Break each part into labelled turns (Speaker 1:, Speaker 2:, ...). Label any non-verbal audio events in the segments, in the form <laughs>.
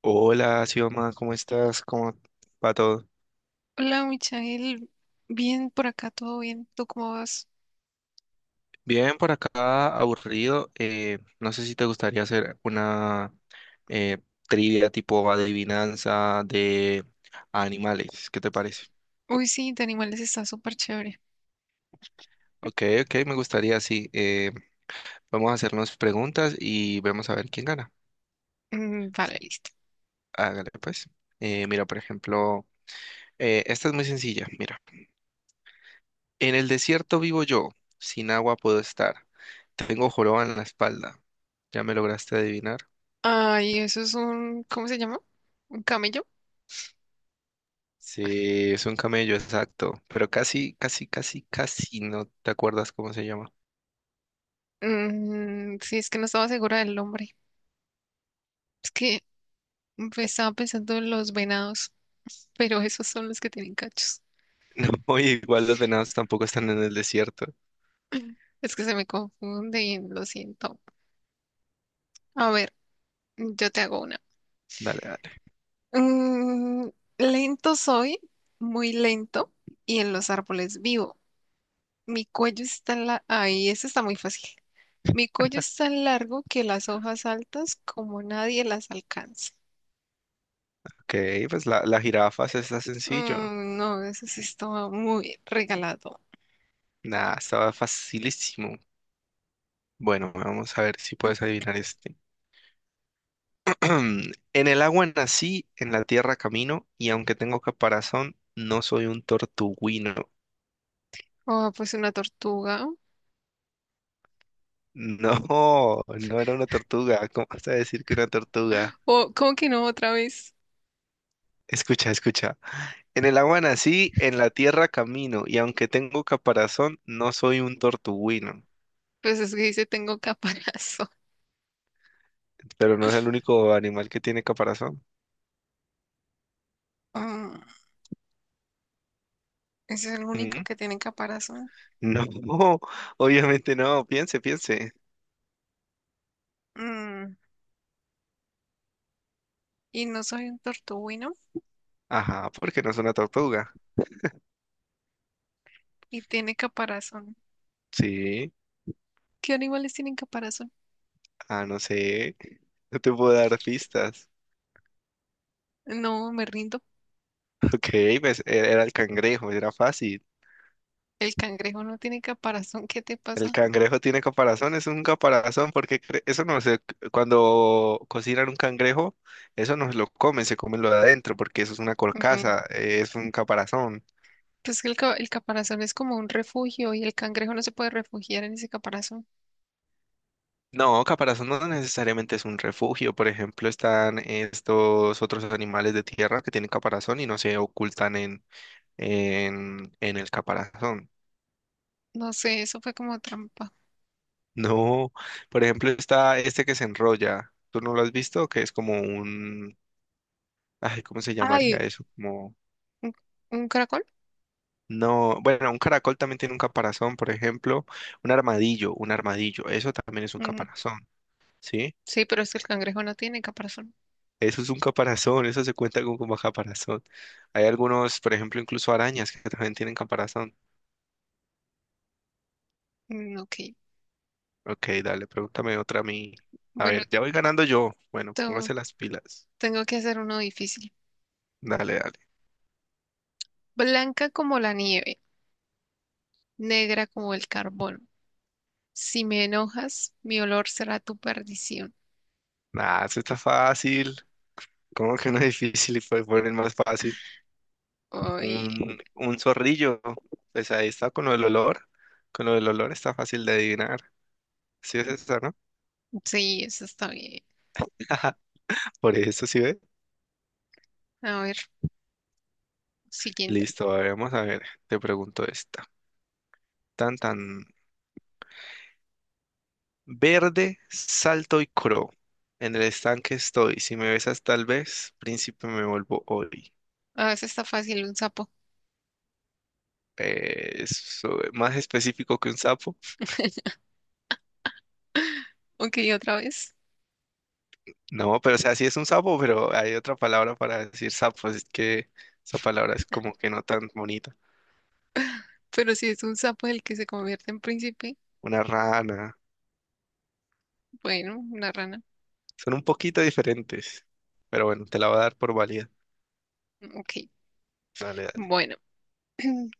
Speaker 1: Hola, Sioma, ¿cómo estás? ¿Cómo va todo?
Speaker 2: Hola, Michael. Bien por acá, todo bien. ¿Tú cómo vas?
Speaker 1: Bien, por acá, aburrido. No sé si te gustaría hacer una eh, trivia tipo adivinanza de animales. ¿Qué te parece?
Speaker 2: Uy, sí, de animales está súper chévere.
Speaker 1: Ok, ok, me gustaría, sí. Vamos a hacernos preguntas y vemos a ver quién gana.
Speaker 2: Mm, vale, listo.
Speaker 1: Hágale, pues. Mira, por ejemplo, esta es muy sencilla. Mira, en el desierto vivo yo, sin agua puedo estar. Tengo joroba en la espalda. ¿Ya me lograste adivinar?
Speaker 2: Ay, eso es un, ¿cómo se llama? ¿Un camello?
Speaker 1: Sí, es un camello, exacto. Pero casi, casi, casi, casi no te acuerdas cómo se llama.
Speaker 2: Mm, sí, es que no estaba segura del nombre. Es que estaba pensando en los venados, <laughs> pero esos son los que tienen cachos.
Speaker 1: <laughs> No, y igual los venados tampoco están en el desierto.
Speaker 2: Es que se me confunde y lo siento. A ver, yo te hago una.
Speaker 1: Dale, dale.
Speaker 2: Mm, Lento soy, muy lento, y en los árboles vivo. Mi cuello es tan largo. Ay, eso está muy fácil. Mi cuello es tan largo que las hojas altas como nadie las alcanza.
Speaker 1: Ok, pues la jirafa se está sencillo.
Speaker 2: Mm, no, eso sí estaba muy regalado.
Speaker 1: Nah, estaba facilísimo. Bueno, vamos a ver si puedes adivinar este. <clears throat> En el agua nací, en la tierra camino, y aunque tengo caparazón, no soy un tortuguino. <laughs>
Speaker 2: Oh, pues una tortuga.
Speaker 1: No, no era una tortuga. ¿Cómo vas a decir que una tortuga?
Speaker 2: Oh, ¿cómo que no otra vez?
Speaker 1: Escucha, escucha. En el agua nací, en la tierra camino, y aunque tengo caparazón, no soy un tortuguino.
Speaker 2: Pues es que dice tengo caparazón. <laughs>
Speaker 1: Pero no es el único animal que tiene caparazón.
Speaker 2: Mm, Ese es el único
Speaker 1: ¿Mm?
Speaker 2: que tiene caparazón.
Speaker 1: No, <laughs> obviamente no. Piense, piense.
Speaker 2: Mm, y no soy un tortuguino
Speaker 1: Ajá, porque no es una tortuga.
Speaker 2: y tiene caparazón.
Speaker 1: Sí.
Speaker 2: ¿Qué animales tienen caparazón?
Speaker 1: Ah, no sé. No te puedo dar pistas.
Speaker 2: No, me rindo.
Speaker 1: <laughs> Ok, pues, era el cangrejo, era fácil.
Speaker 2: El cangrejo no tiene caparazón. ¿Qué te
Speaker 1: El
Speaker 2: pasa?
Speaker 1: cangrejo tiene caparazón, es un caparazón, porque eso no se, cuando cocinan un cangrejo, eso no se lo comen, se comen lo de adentro, porque eso es una
Speaker 2: Mm,
Speaker 1: carcasa, es un caparazón.
Speaker 2: Pues que el caparazón es como un refugio y el cangrejo no se puede refugiar en ese caparazón.
Speaker 1: No, caparazón no necesariamente es un refugio, por ejemplo, están estos otros animales de tierra que tienen caparazón y no se ocultan en, en el caparazón.
Speaker 2: No sé, eso fue como trampa.
Speaker 1: No, por ejemplo, está este que se enrolla, ¿tú no lo has visto? Que es como un, ay, ¿cómo se llamaría
Speaker 2: Ay,
Speaker 1: eso? Como
Speaker 2: ¿un, un caracol?
Speaker 1: no, bueno, un caracol también tiene un caparazón, por ejemplo, un armadillo, eso también es un
Speaker 2: Mm,
Speaker 1: caparazón, ¿sí?
Speaker 2: sí, pero es que el cangrejo no tiene caparazón.
Speaker 1: Eso es un caparazón, eso se cuenta con como caparazón. Hay algunos, por ejemplo, incluso arañas que también tienen caparazón.
Speaker 2: Mm, ok,
Speaker 1: Ok, dale, pregúntame otra a mí. A
Speaker 2: bueno,
Speaker 1: ver, ya voy ganando yo. Bueno,
Speaker 2: to-
Speaker 1: póngase las pilas.
Speaker 2: tengo que hacer uno difícil.
Speaker 1: Dale, dale.
Speaker 2: Blanca como la nieve, negra como el carbón. Si me enojas, mi olor será tu perdición.
Speaker 1: Nah, eso está fácil. ¿Cómo que no es difícil y puede poner más fácil?
Speaker 2: Ay,
Speaker 1: Un zorrillo, pues ahí está con lo del olor. Con lo del olor está fácil de adivinar. Sí es esta, ¿no?
Speaker 2: sí, eso está bien.
Speaker 1: <laughs> Por eso sí ve.
Speaker 2: A ver, siguiente.
Speaker 1: Listo, a ver, vamos a ver. Te pregunto esta. Tan tan verde, salto y cro. En el estanque estoy. Si me besas tal vez, príncipe me vuelvo hoy.
Speaker 2: Ah, eso está fácil, un sapo.
Speaker 1: Es más específico que un sapo.
Speaker 2: <laughs> Ok, otra vez.
Speaker 1: No, pero o sea, sí es un sapo, pero hay otra palabra para decir sapo, así que esa palabra es como que no tan bonita.
Speaker 2: Pero si es un sapo el que se convierte en príncipe,
Speaker 1: Una rana.
Speaker 2: bueno, una rana.
Speaker 1: Son un poquito diferentes. Pero bueno, te la voy a dar por válida.
Speaker 2: Ok,
Speaker 1: Dale, dale.
Speaker 2: bueno. <clears throat>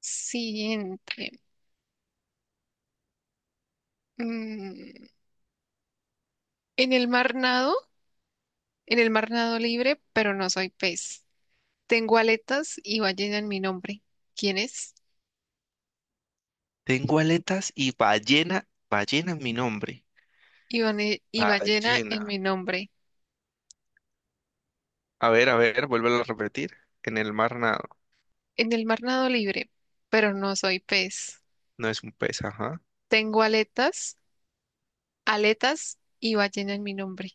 Speaker 2: Siguiente. Mm, en el mar nado, en el mar nado libre, pero no soy pez. Tengo aletas y ballena en mi nombre. ¿Quién es?
Speaker 1: Tengo aletas y ballena es mi nombre.
Speaker 2: Y ballena
Speaker 1: Ballena.
Speaker 2: en mi nombre.
Speaker 1: A ver, vuélvelo a repetir. En el mar nado,
Speaker 2: En el mar nado libre, pero no soy pez.
Speaker 1: no es un pez, ajá.
Speaker 2: Tengo aletas, Aletas y ballena en mi nombre.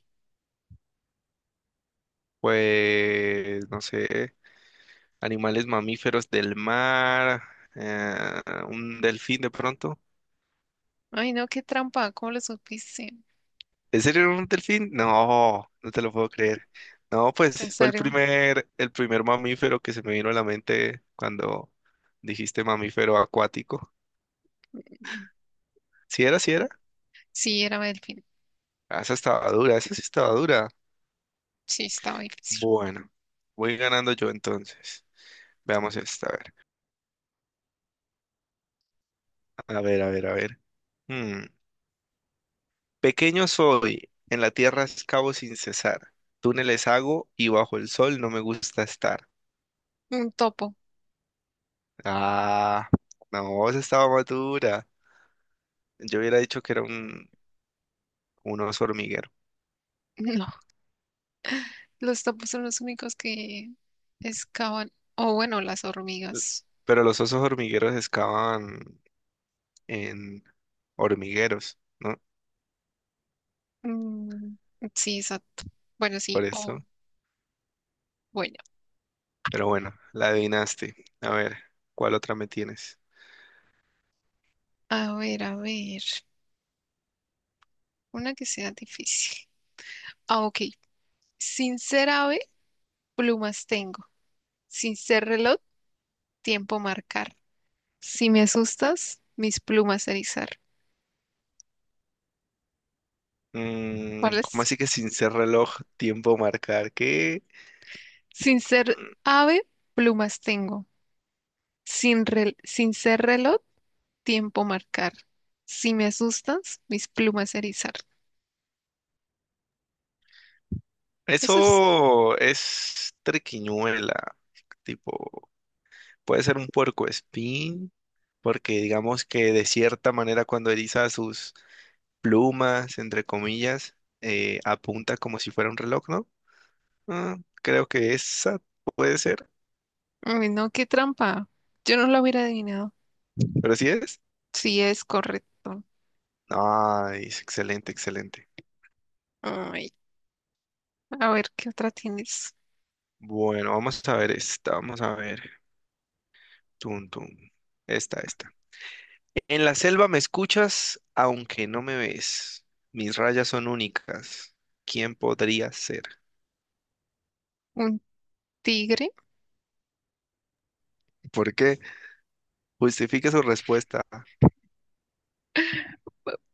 Speaker 1: Pues, no sé, animales mamíferos del mar, eh, un delfín de pronto.
Speaker 2: Ay, no, qué trampa, ¿cómo lo supiste?
Speaker 1: ¿En serio era un delfín? No, no te lo puedo creer. No,
Speaker 2: ¿Es ¿En
Speaker 1: pues fue
Speaker 2: serio?
Speaker 1: el primer mamífero que se me vino a la mente cuando dijiste mamífero acuático.
Speaker 2: No.
Speaker 1: ¿Sí era, sí
Speaker 2: no,
Speaker 1: era?
Speaker 2: sí, era delfín.
Speaker 1: Ah, esa estaba dura, esa sí estaba dura.
Speaker 2: Sí, estaba difícil.
Speaker 1: Bueno, voy ganando yo entonces. Veamos esta, a ver. A ver, a ver, a ver. Hmm. Pequeño soy, en la tierra excavo sin cesar. Túneles hago y bajo el sol no me gusta estar.
Speaker 2: Un topo.
Speaker 1: Ah, no, esa estaba más dura. Yo hubiera dicho que era un oso hormiguero.
Speaker 2: <laughs> No, los topos son los únicos que excavan. O bueno, las
Speaker 1: L-
Speaker 2: hormigas.
Speaker 1: Pero los osos hormigueros excavan en hormigueros, ¿no?
Speaker 2: Mm, sí, exacto. Bueno, sí,
Speaker 1: Por eso.
Speaker 2: o bueno.
Speaker 1: Pero bueno, la adivinaste. A ver, ¿cuál otra me tienes?
Speaker 2: A ver, a ver. Una que sea difícil. Ah, ok. Sin ser ave, plumas tengo. Sin ser reloj, tiempo marcar. Si me asustas, mis plumas erizar.
Speaker 1: Mm,
Speaker 2: ¿Cuál
Speaker 1: ¿cómo
Speaker 2: es?
Speaker 1: así que sin ser reloj, tiempo marcar? ¿Qué?
Speaker 2: Sin ser ave, plumas tengo. Sin ser reloj. Tiempo marcar. Si me asustas, mis plumas erizar. Eso es,
Speaker 1: Eso es triquiñuela. Tipo, puede ser un puercoespín, porque digamos que de cierta manera cuando eriza sus plumas, entre comillas, apunta como si fuera un reloj, ¿no? Ah, creo que esa puede ser,
Speaker 2: ay, no, qué trampa. Yo no lo hubiera adivinado.
Speaker 1: pero sí es.
Speaker 2: Sí, es correcto.
Speaker 1: Nice, excelente, excelente.
Speaker 2: Ay, a ver, ¿qué otra tienes?
Speaker 1: Bueno, vamos a ver esta, vamos a ver. Tum, tum. Esta, esta. En la selva me escuchas, aunque no me ves. Mis rayas son únicas. ¿Quién podría ser?
Speaker 2: ¿Un tigre?
Speaker 1: ¿Por qué? Justifique su respuesta.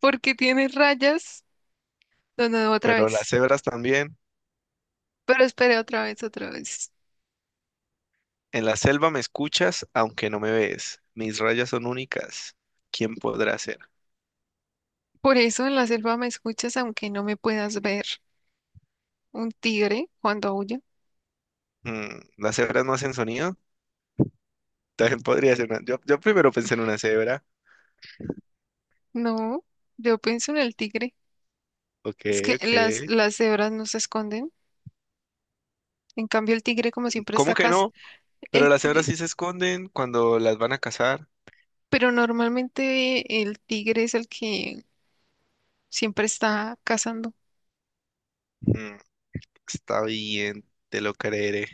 Speaker 2: Porque tiene rayas. No, no, no, otra
Speaker 1: Pero las
Speaker 2: vez.
Speaker 1: cebras también.
Speaker 2: Pero espere otra vez, otra vez.
Speaker 1: En la selva me escuchas, aunque no me ves. Mis rayas son únicas. ¿Quién podrá ser?
Speaker 2: Por eso en la selva me escuchas aunque no me puedas ver. ¿Un tigre cuando aúlla?
Speaker 1: Mm, ¿las cebras no hacen sonido? <laughs> También podría ser una... Yo primero pensé en una cebra.
Speaker 2: No, yo pienso en el tigre.
Speaker 1: Ok,
Speaker 2: Es que
Speaker 1: ok.
Speaker 2: las cebras no se esconden. En cambio, el tigre, como siempre, está
Speaker 1: ¿Cómo que
Speaker 2: acá.
Speaker 1: no? Pero
Speaker 2: El
Speaker 1: las cebras
Speaker 2: ti-
Speaker 1: sí se esconden cuando las van a cazar.
Speaker 2: pero normalmente el tigre es el que siempre está cazando.
Speaker 1: Mm, está bien, te lo creeré.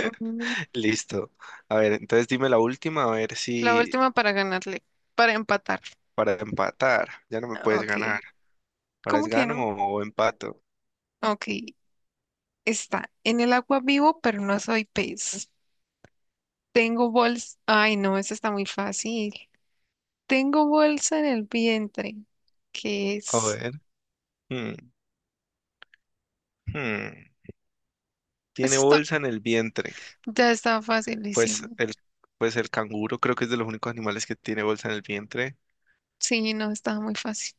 Speaker 2: Mm,
Speaker 1: Listo. A ver, entonces dime la última, a ver
Speaker 2: la
Speaker 1: si
Speaker 2: última para ganarle, para empatar.
Speaker 1: para empatar, ya no me
Speaker 2: Ah,
Speaker 1: puedes
Speaker 2: ok,
Speaker 1: ganar. ¿Ahora es
Speaker 2: ¿cómo que
Speaker 1: gano
Speaker 2: no?
Speaker 1: o empato?
Speaker 2: Ok, está en el agua vivo, pero no soy pez. Tengo bolsa. Ay, no, esa está muy fácil. Tengo bolsa en el vientre. ¿Qué
Speaker 1: A
Speaker 2: es?
Speaker 1: ver. Hmm, hmm. Tiene
Speaker 2: Eso está,
Speaker 1: bolsa en el vientre.
Speaker 2: ya estaba
Speaker 1: Pues
Speaker 2: facilísimo.
Speaker 1: el, pues el canguro creo que es de los únicos animales que tiene bolsa en el vientre.
Speaker 2: Sí, no, estaba muy fácil.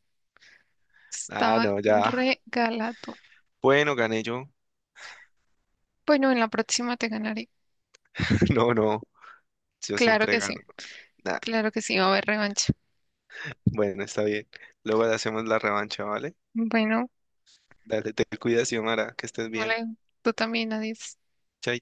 Speaker 1: Ah,
Speaker 2: Estaba
Speaker 1: no, ya.
Speaker 2: regalado.
Speaker 1: Bueno, gané yo.
Speaker 2: Bueno, en la próxima te ganaré.
Speaker 1: <laughs> No, no, yo
Speaker 2: Claro
Speaker 1: siempre
Speaker 2: que sí,
Speaker 1: gano. Nah,
Speaker 2: claro que sí, va a haber revancha.
Speaker 1: bueno, está bien. Luego hacemos la revancha, ¿vale?
Speaker 2: Bueno,
Speaker 1: Dale, te cuidas, Xiomara, que estés
Speaker 2: hola,
Speaker 1: bien.
Speaker 2: tú también, adiós.
Speaker 1: Chaito.